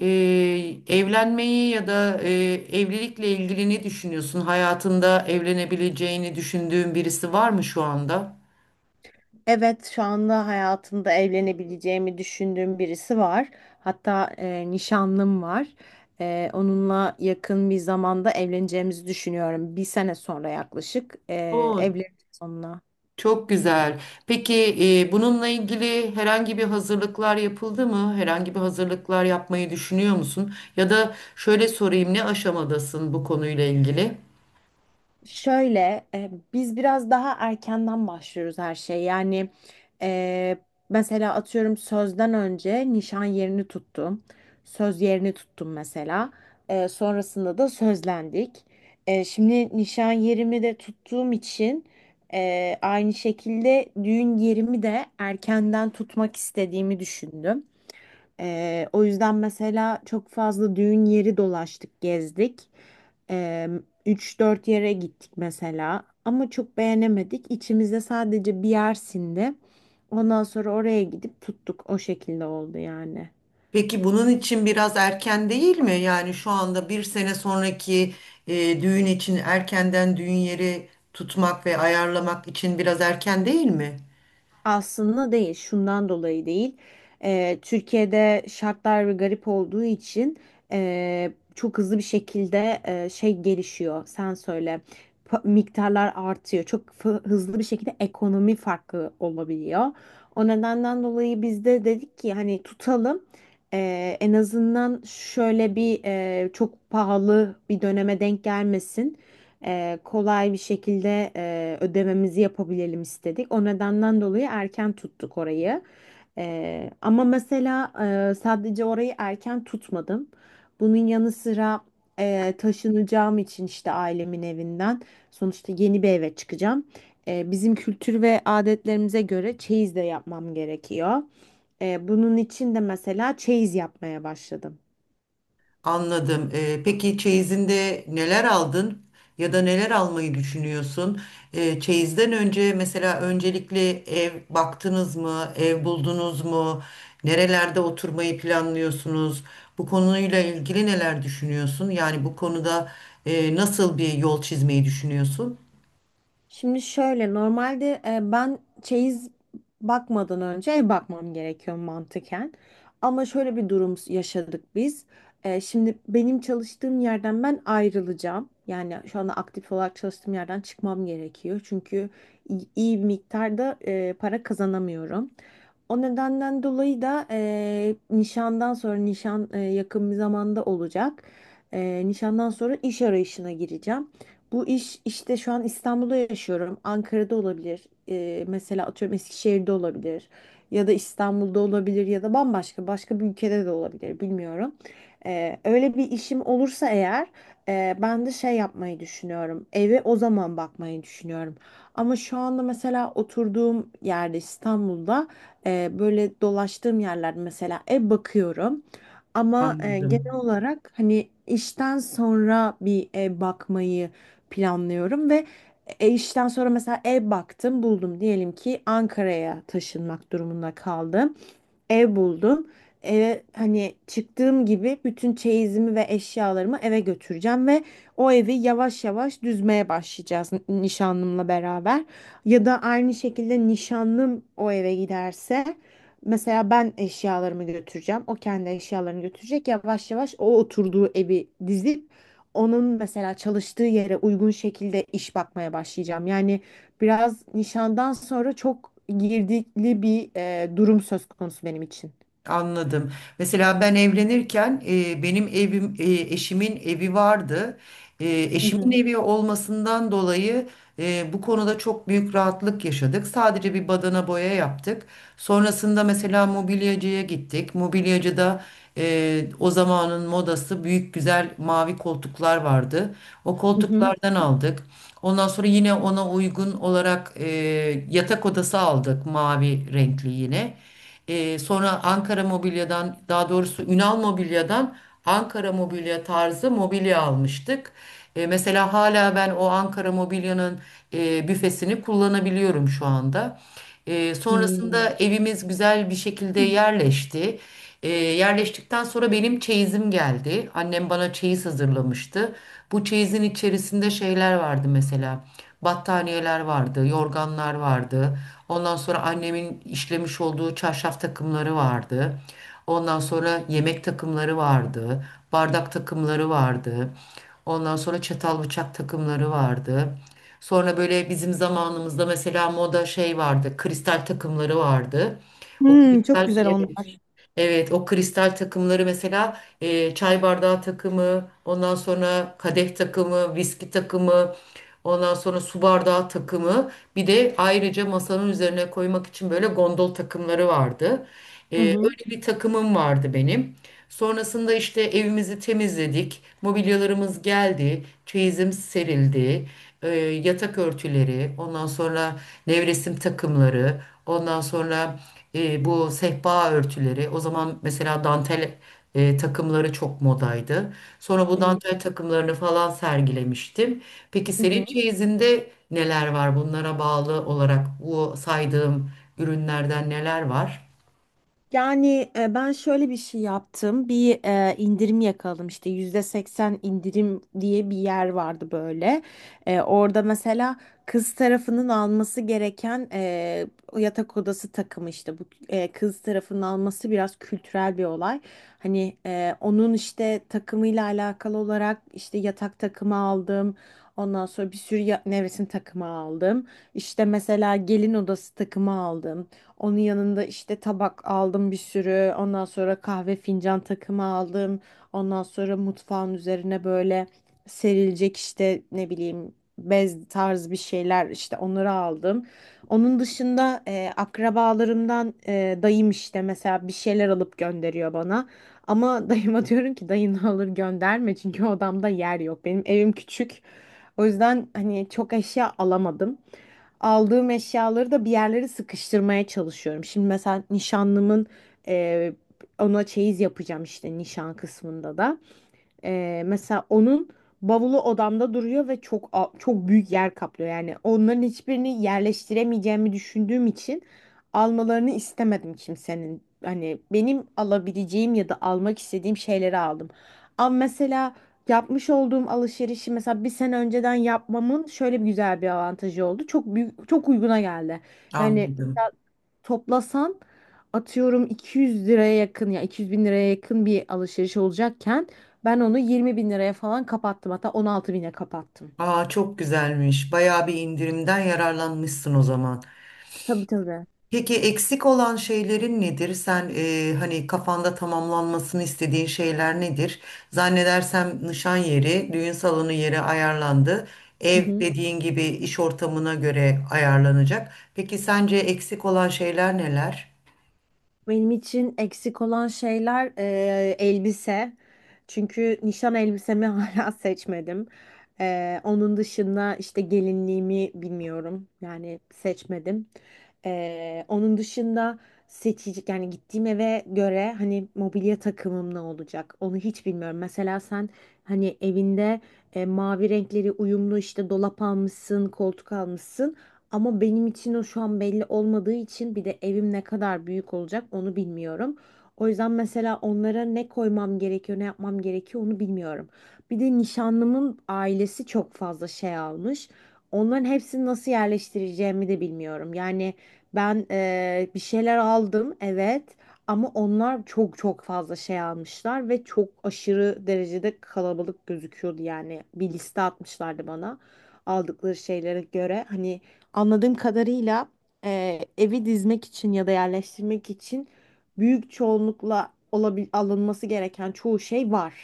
e, Evlenmeyi ya da evlilikle ilgili ne düşünüyorsun? Hayatında evlenebileceğini düşündüğün birisi var mı şu anda? Evet, şu anda hayatımda evlenebileceğimi düşündüğüm birisi var. Hatta nişanlım var. Onunla yakın bir zamanda evleneceğimizi düşünüyorum. Bir sene sonra yaklaşık Oo, evleneceğiz onunla. çok güzel. Peki bununla ilgili herhangi bir hazırlıklar yapıldı mı? Herhangi bir hazırlıklar yapmayı düşünüyor musun? Ya da şöyle sorayım, ne aşamadasın bu konuyla ilgili? Şöyle biz biraz daha erkenden başlıyoruz her şey. Yani e, mesela atıyorum sözden önce nişan yerini tuttum. Söz yerini tuttum mesela. Sonrasında da sözlendik. Şimdi nişan yerimi de tuttuğum için aynı şekilde düğün yerimi de erkenden tutmak istediğimi düşündüm. O yüzden mesela çok fazla düğün yeri dolaştık, gezdik. Ee, 3-4 yere gittik mesela ama çok beğenemedik. İçimizde sadece bir yer sindi. Ondan sonra oraya gidip tuttuk. O şekilde oldu yani. Peki bunun için biraz erken değil mi? Yani şu anda bir sene sonraki düğün için erkenden düğün yeri tutmak ve ayarlamak için biraz erken değil mi? Aslında değil, şundan dolayı değil. Türkiye'de şartlar ve garip olduğu için çok hızlı bir şekilde şey gelişiyor. Sen söyle, miktarlar artıyor. Çok hızlı bir şekilde ekonomi farkı olabiliyor. O nedenden dolayı biz de dedik ki hani tutalım. En azından şöyle bir çok pahalı bir döneme denk gelmesin, kolay bir şekilde ödememizi yapabilelim istedik. O nedenden dolayı erken tuttuk orayı. Ama mesela sadece orayı erken tutmadım. Bunun yanı sıra taşınacağım için işte ailemin evinden sonuçta yeni bir eve çıkacağım. Bizim kültür ve adetlerimize göre çeyiz de yapmam gerekiyor. Bunun için de mesela çeyiz yapmaya başladım. Anladım. Peki çeyizinde neler aldın ya da neler almayı düşünüyorsun? Çeyizden önce mesela öncelikle ev baktınız mı? Ev buldunuz mu? Nerelerde oturmayı planlıyorsunuz? Bu konuyla ilgili neler düşünüyorsun? Yani bu konuda nasıl bir yol çizmeyi düşünüyorsun? Şimdi şöyle normalde ben çeyiz bakmadan önce ev bakmam gerekiyor mantıken. Ama şöyle bir durum yaşadık biz. Şimdi benim çalıştığım yerden ben ayrılacağım. Yani şu anda aktif olarak çalıştığım yerden çıkmam gerekiyor. Çünkü iyi iyi bir miktarda para kazanamıyorum. O nedenden dolayı da nişandan sonra, nişan yakın bir zamanda olacak. Nişandan sonra iş arayışına gireceğim. Bu iş işte şu an İstanbul'da yaşıyorum. Ankara'da olabilir. Mesela atıyorum Eskişehir'de olabilir. Ya da İstanbul'da olabilir, ya da bambaşka başka bir ülkede de olabilir, bilmiyorum. Öyle bir işim olursa eğer ben de şey yapmayı düşünüyorum. Eve o zaman bakmayı düşünüyorum. Ama şu anda mesela oturduğum yerde, İstanbul'da, böyle dolaştığım yerlerde mesela ev bakıyorum. Ama genel Anladım. olarak hani işten sonra bir ev bakmayı planlıyorum, ve işten sonra mesela ev baktım, buldum, diyelim ki Ankara'ya taşınmak durumunda kaldım, ev buldum. Eve hani çıktığım gibi bütün çeyizimi ve eşyalarımı eve götüreceğim ve o evi yavaş yavaş düzmeye başlayacağız nişanlımla beraber. Ya da aynı şekilde nişanlım o eve giderse, mesela ben eşyalarımı götüreceğim. O kendi eşyalarını götürecek. Yavaş yavaş o oturduğu evi dizip onun mesela çalıştığı yere uygun şekilde iş bakmaya başlayacağım. Yani biraz nişandan sonra çok girdikli bir durum söz konusu benim için. Anladım. Mesela ben evlenirken benim evim, eşimin evi vardı. Hı Eşimin hı. evi olmasından dolayı bu konuda çok büyük rahatlık yaşadık. Sadece bir badana boya yaptık. Sonrasında mesela mobilyacıya gittik. Mobilyacıda o zamanın modası büyük güzel mavi koltuklar vardı. O Hı hı. koltuklardan aldık. Ondan sonra yine ona uygun olarak yatak odası aldık mavi renkli yine. Sonra Ankara Mobilya'dan daha doğrusu Ünal Mobilya'dan Ankara Mobilya tarzı mobilya almıştık. Mesela hala ben o Ankara Mobilya'nın büfesini kullanabiliyorum şu anda. Sonrasında Hmm. evimiz güzel bir şekilde yerleşti. Yerleştikten sonra benim çeyizim geldi. Annem bana çeyiz hazırlamıştı. Bu çeyizin içerisinde şeyler vardı mesela. Battaniyeler vardı, yorganlar vardı. Ondan sonra annemin işlemiş olduğu çarşaf takımları vardı. Ondan sonra yemek takımları vardı. Bardak takımları vardı. Ondan sonra çatal bıçak takımları vardı. Sonra böyle bizim zamanımızda mesela moda şey vardı. Kristal takımları vardı. O Hmm, çok kristal güzel evet. onlar. Evet, o kristal takımları mesela çay bardağı takımı, ondan sonra kadeh takımı, viski takımı, ondan sonra su bardağı takımı. Bir de ayrıca masanın üzerine koymak için böyle gondol takımları vardı. Hı hı. Öyle bir takımım vardı benim. Sonrasında işte evimizi temizledik, mobilyalarımız geldi, çeyizim serildi yatak örtüleri, ondan sonra nevresim takımları, ondan sonra bu sehpa örtüleri. O zaman mesela dantel takımları çok modaydı. Sonra bu Hı dantel takımlarını falan sergilemiştim. Peki senin hı. çeyizinde neler var? Bunlara bağlı olarak bu saydığım ürünlerden neler var? Yani ben şöyle bir şey yaptım. Bir indirim yakaladım, işte %80 indirim diye bir yer vardı böyle. Orada mesela kız tarafının alması gereken yatak odası takımı, işte bu kız tarafının alması biraz kültürel bir olay. Hani onun işte takımıyla alakalı olarak işte yatak takımı aldım. Ondan sonra bir sürü nevresim takımı aldım. İşte mesela gelin odası takımı aldım. Onun yanında işte tabak aldım bir sürü. Ondan sonra kahve fincan takımı aldım. Ondan sonra mutfağın üzerine böyle serilecek, işte ne bileyim, bez tarz bir şeyler, işte onları aldım. Onun dışında akrabalarımdan, dayım işte mesela bir şeyler alıp gönderiyor bana. Ama dayıma diyorum ki dayını alır gönderme, çünkü odamda yer yok. Benim evim küçük. O yüzden hani çok eşya alamadım, aldığım eşyaları da bir yerlere sıkıştırmaya çalışıyorum. Şimdi mesela nişanlımın e, ona çeyiz yapacağım işte, nişan kısmında da. Mesela onun bavulu odamda duruyor ve çok çok büyük yer kaplıyor. Yani onların hiçbirini yerleştiremeyeceğimi düşündüğüm için almalarını istemedim kimsenin. Hani benim alabileceğim ya da almak istediğim şeyleri aldım. Ama mesela yapmış olduğum alışverişi, mesela bir sene önceden yapmamın şöyle bir güzel bir avantajı oldu. Çok büyük, çok uyguna geldi. Yani Anladım. toplasan atıyorum 200 liraya yakın, ya 200 bin liraya yakın bir alışveriş olacakken, ben onu 20 bin liraya falan kapattım, hatta 16 bine kapattım. Aa çok güzelmiş. Bayağı bir indirimden yararlanmışsın o zaman. Tabii tabii. Peki eksik olan şeylerin nedir? Sen hani kafanda tamamlanmasını istediğin şeyler nedir? Zannedersem nişan yeri, düğün salonu yeri ayarlandı. Hı Ev hı. dediğin gibi iş ortamına göre ayarlanacak. Peki sence eksik olan şeyler neler? Benim için eksik olan şeyler elbise. Çünkü nişan elbisemi hala seçmedim. Onun dışında işte gelinliğimi bilmiyorum. Yani seçmedim. Onun dışında seçecek, yani gittiğim eve göre hani mobilya takımım ne olacak onu hiç bilmiyorum. Mesela sen hani evinde mavi renkleri uyumlu işte dolap almışsın, koltuk almışsın. Ama benim için o şu an belli olmadığı için, bir de evim ne kadar büyük olacak onu bilmiyorum. O yüzden mesela onlara ne koymam gerekiyor, ne yapmam gerekiyor onu bilmiyorum. Bir de nişanlımın ailesi çok fazla şey almış. Onların hepsini nasıl yerleştireceğimi de bilmiyorum. Yani ben bir şeyler aldım evet, ama onlar çok çok fazla şey almışlar ve çok aşırı derecede kalabalık gözüküyordu yani. Bir liste atmışlardı bana aldıkları şeylere göre. Hani, anladığım kadarıyla evi dizmek için ya da yerleştirmek için büyük çoğunlukla alınması gereken çoğu şey var.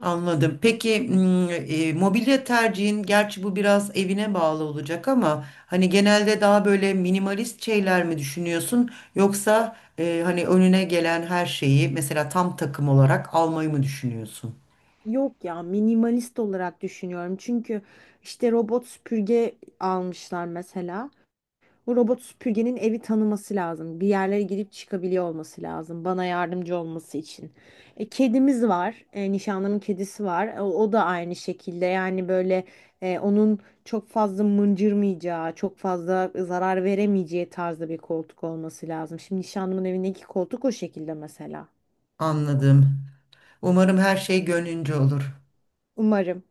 Anladım. Peki mobilya tercihin gerçi bu biraz evine bağlı olacak ama hani genelde daha böyle minimalist şeyler mi düşünüyorsun yoksa hani önüne gelen her şeyi mesela tam takım olarak almayı mı düşünüyorsun? Yok ya, minimalist olarak düşünüyorum. Çünkü işte robot süpürge almışlar mesela. Bu robot süpürgenin evi tanıması lazım. Bir yerlere girip çıkabiliyor olması lazım. Bana yardımcı olması için. Kedimiz var. Nişanlımın kedisi var. O da aynı şekilde. Yani böyle onun çok fazla mıncırmayacağı, çok fazla zarar veremeyeceği tarzda bir koltuk olması lazım. Şimdi nişanlımın evindeki koltuk o şekilde mesela. Anladım. Umarım her şey gönlünce olur. Umarım.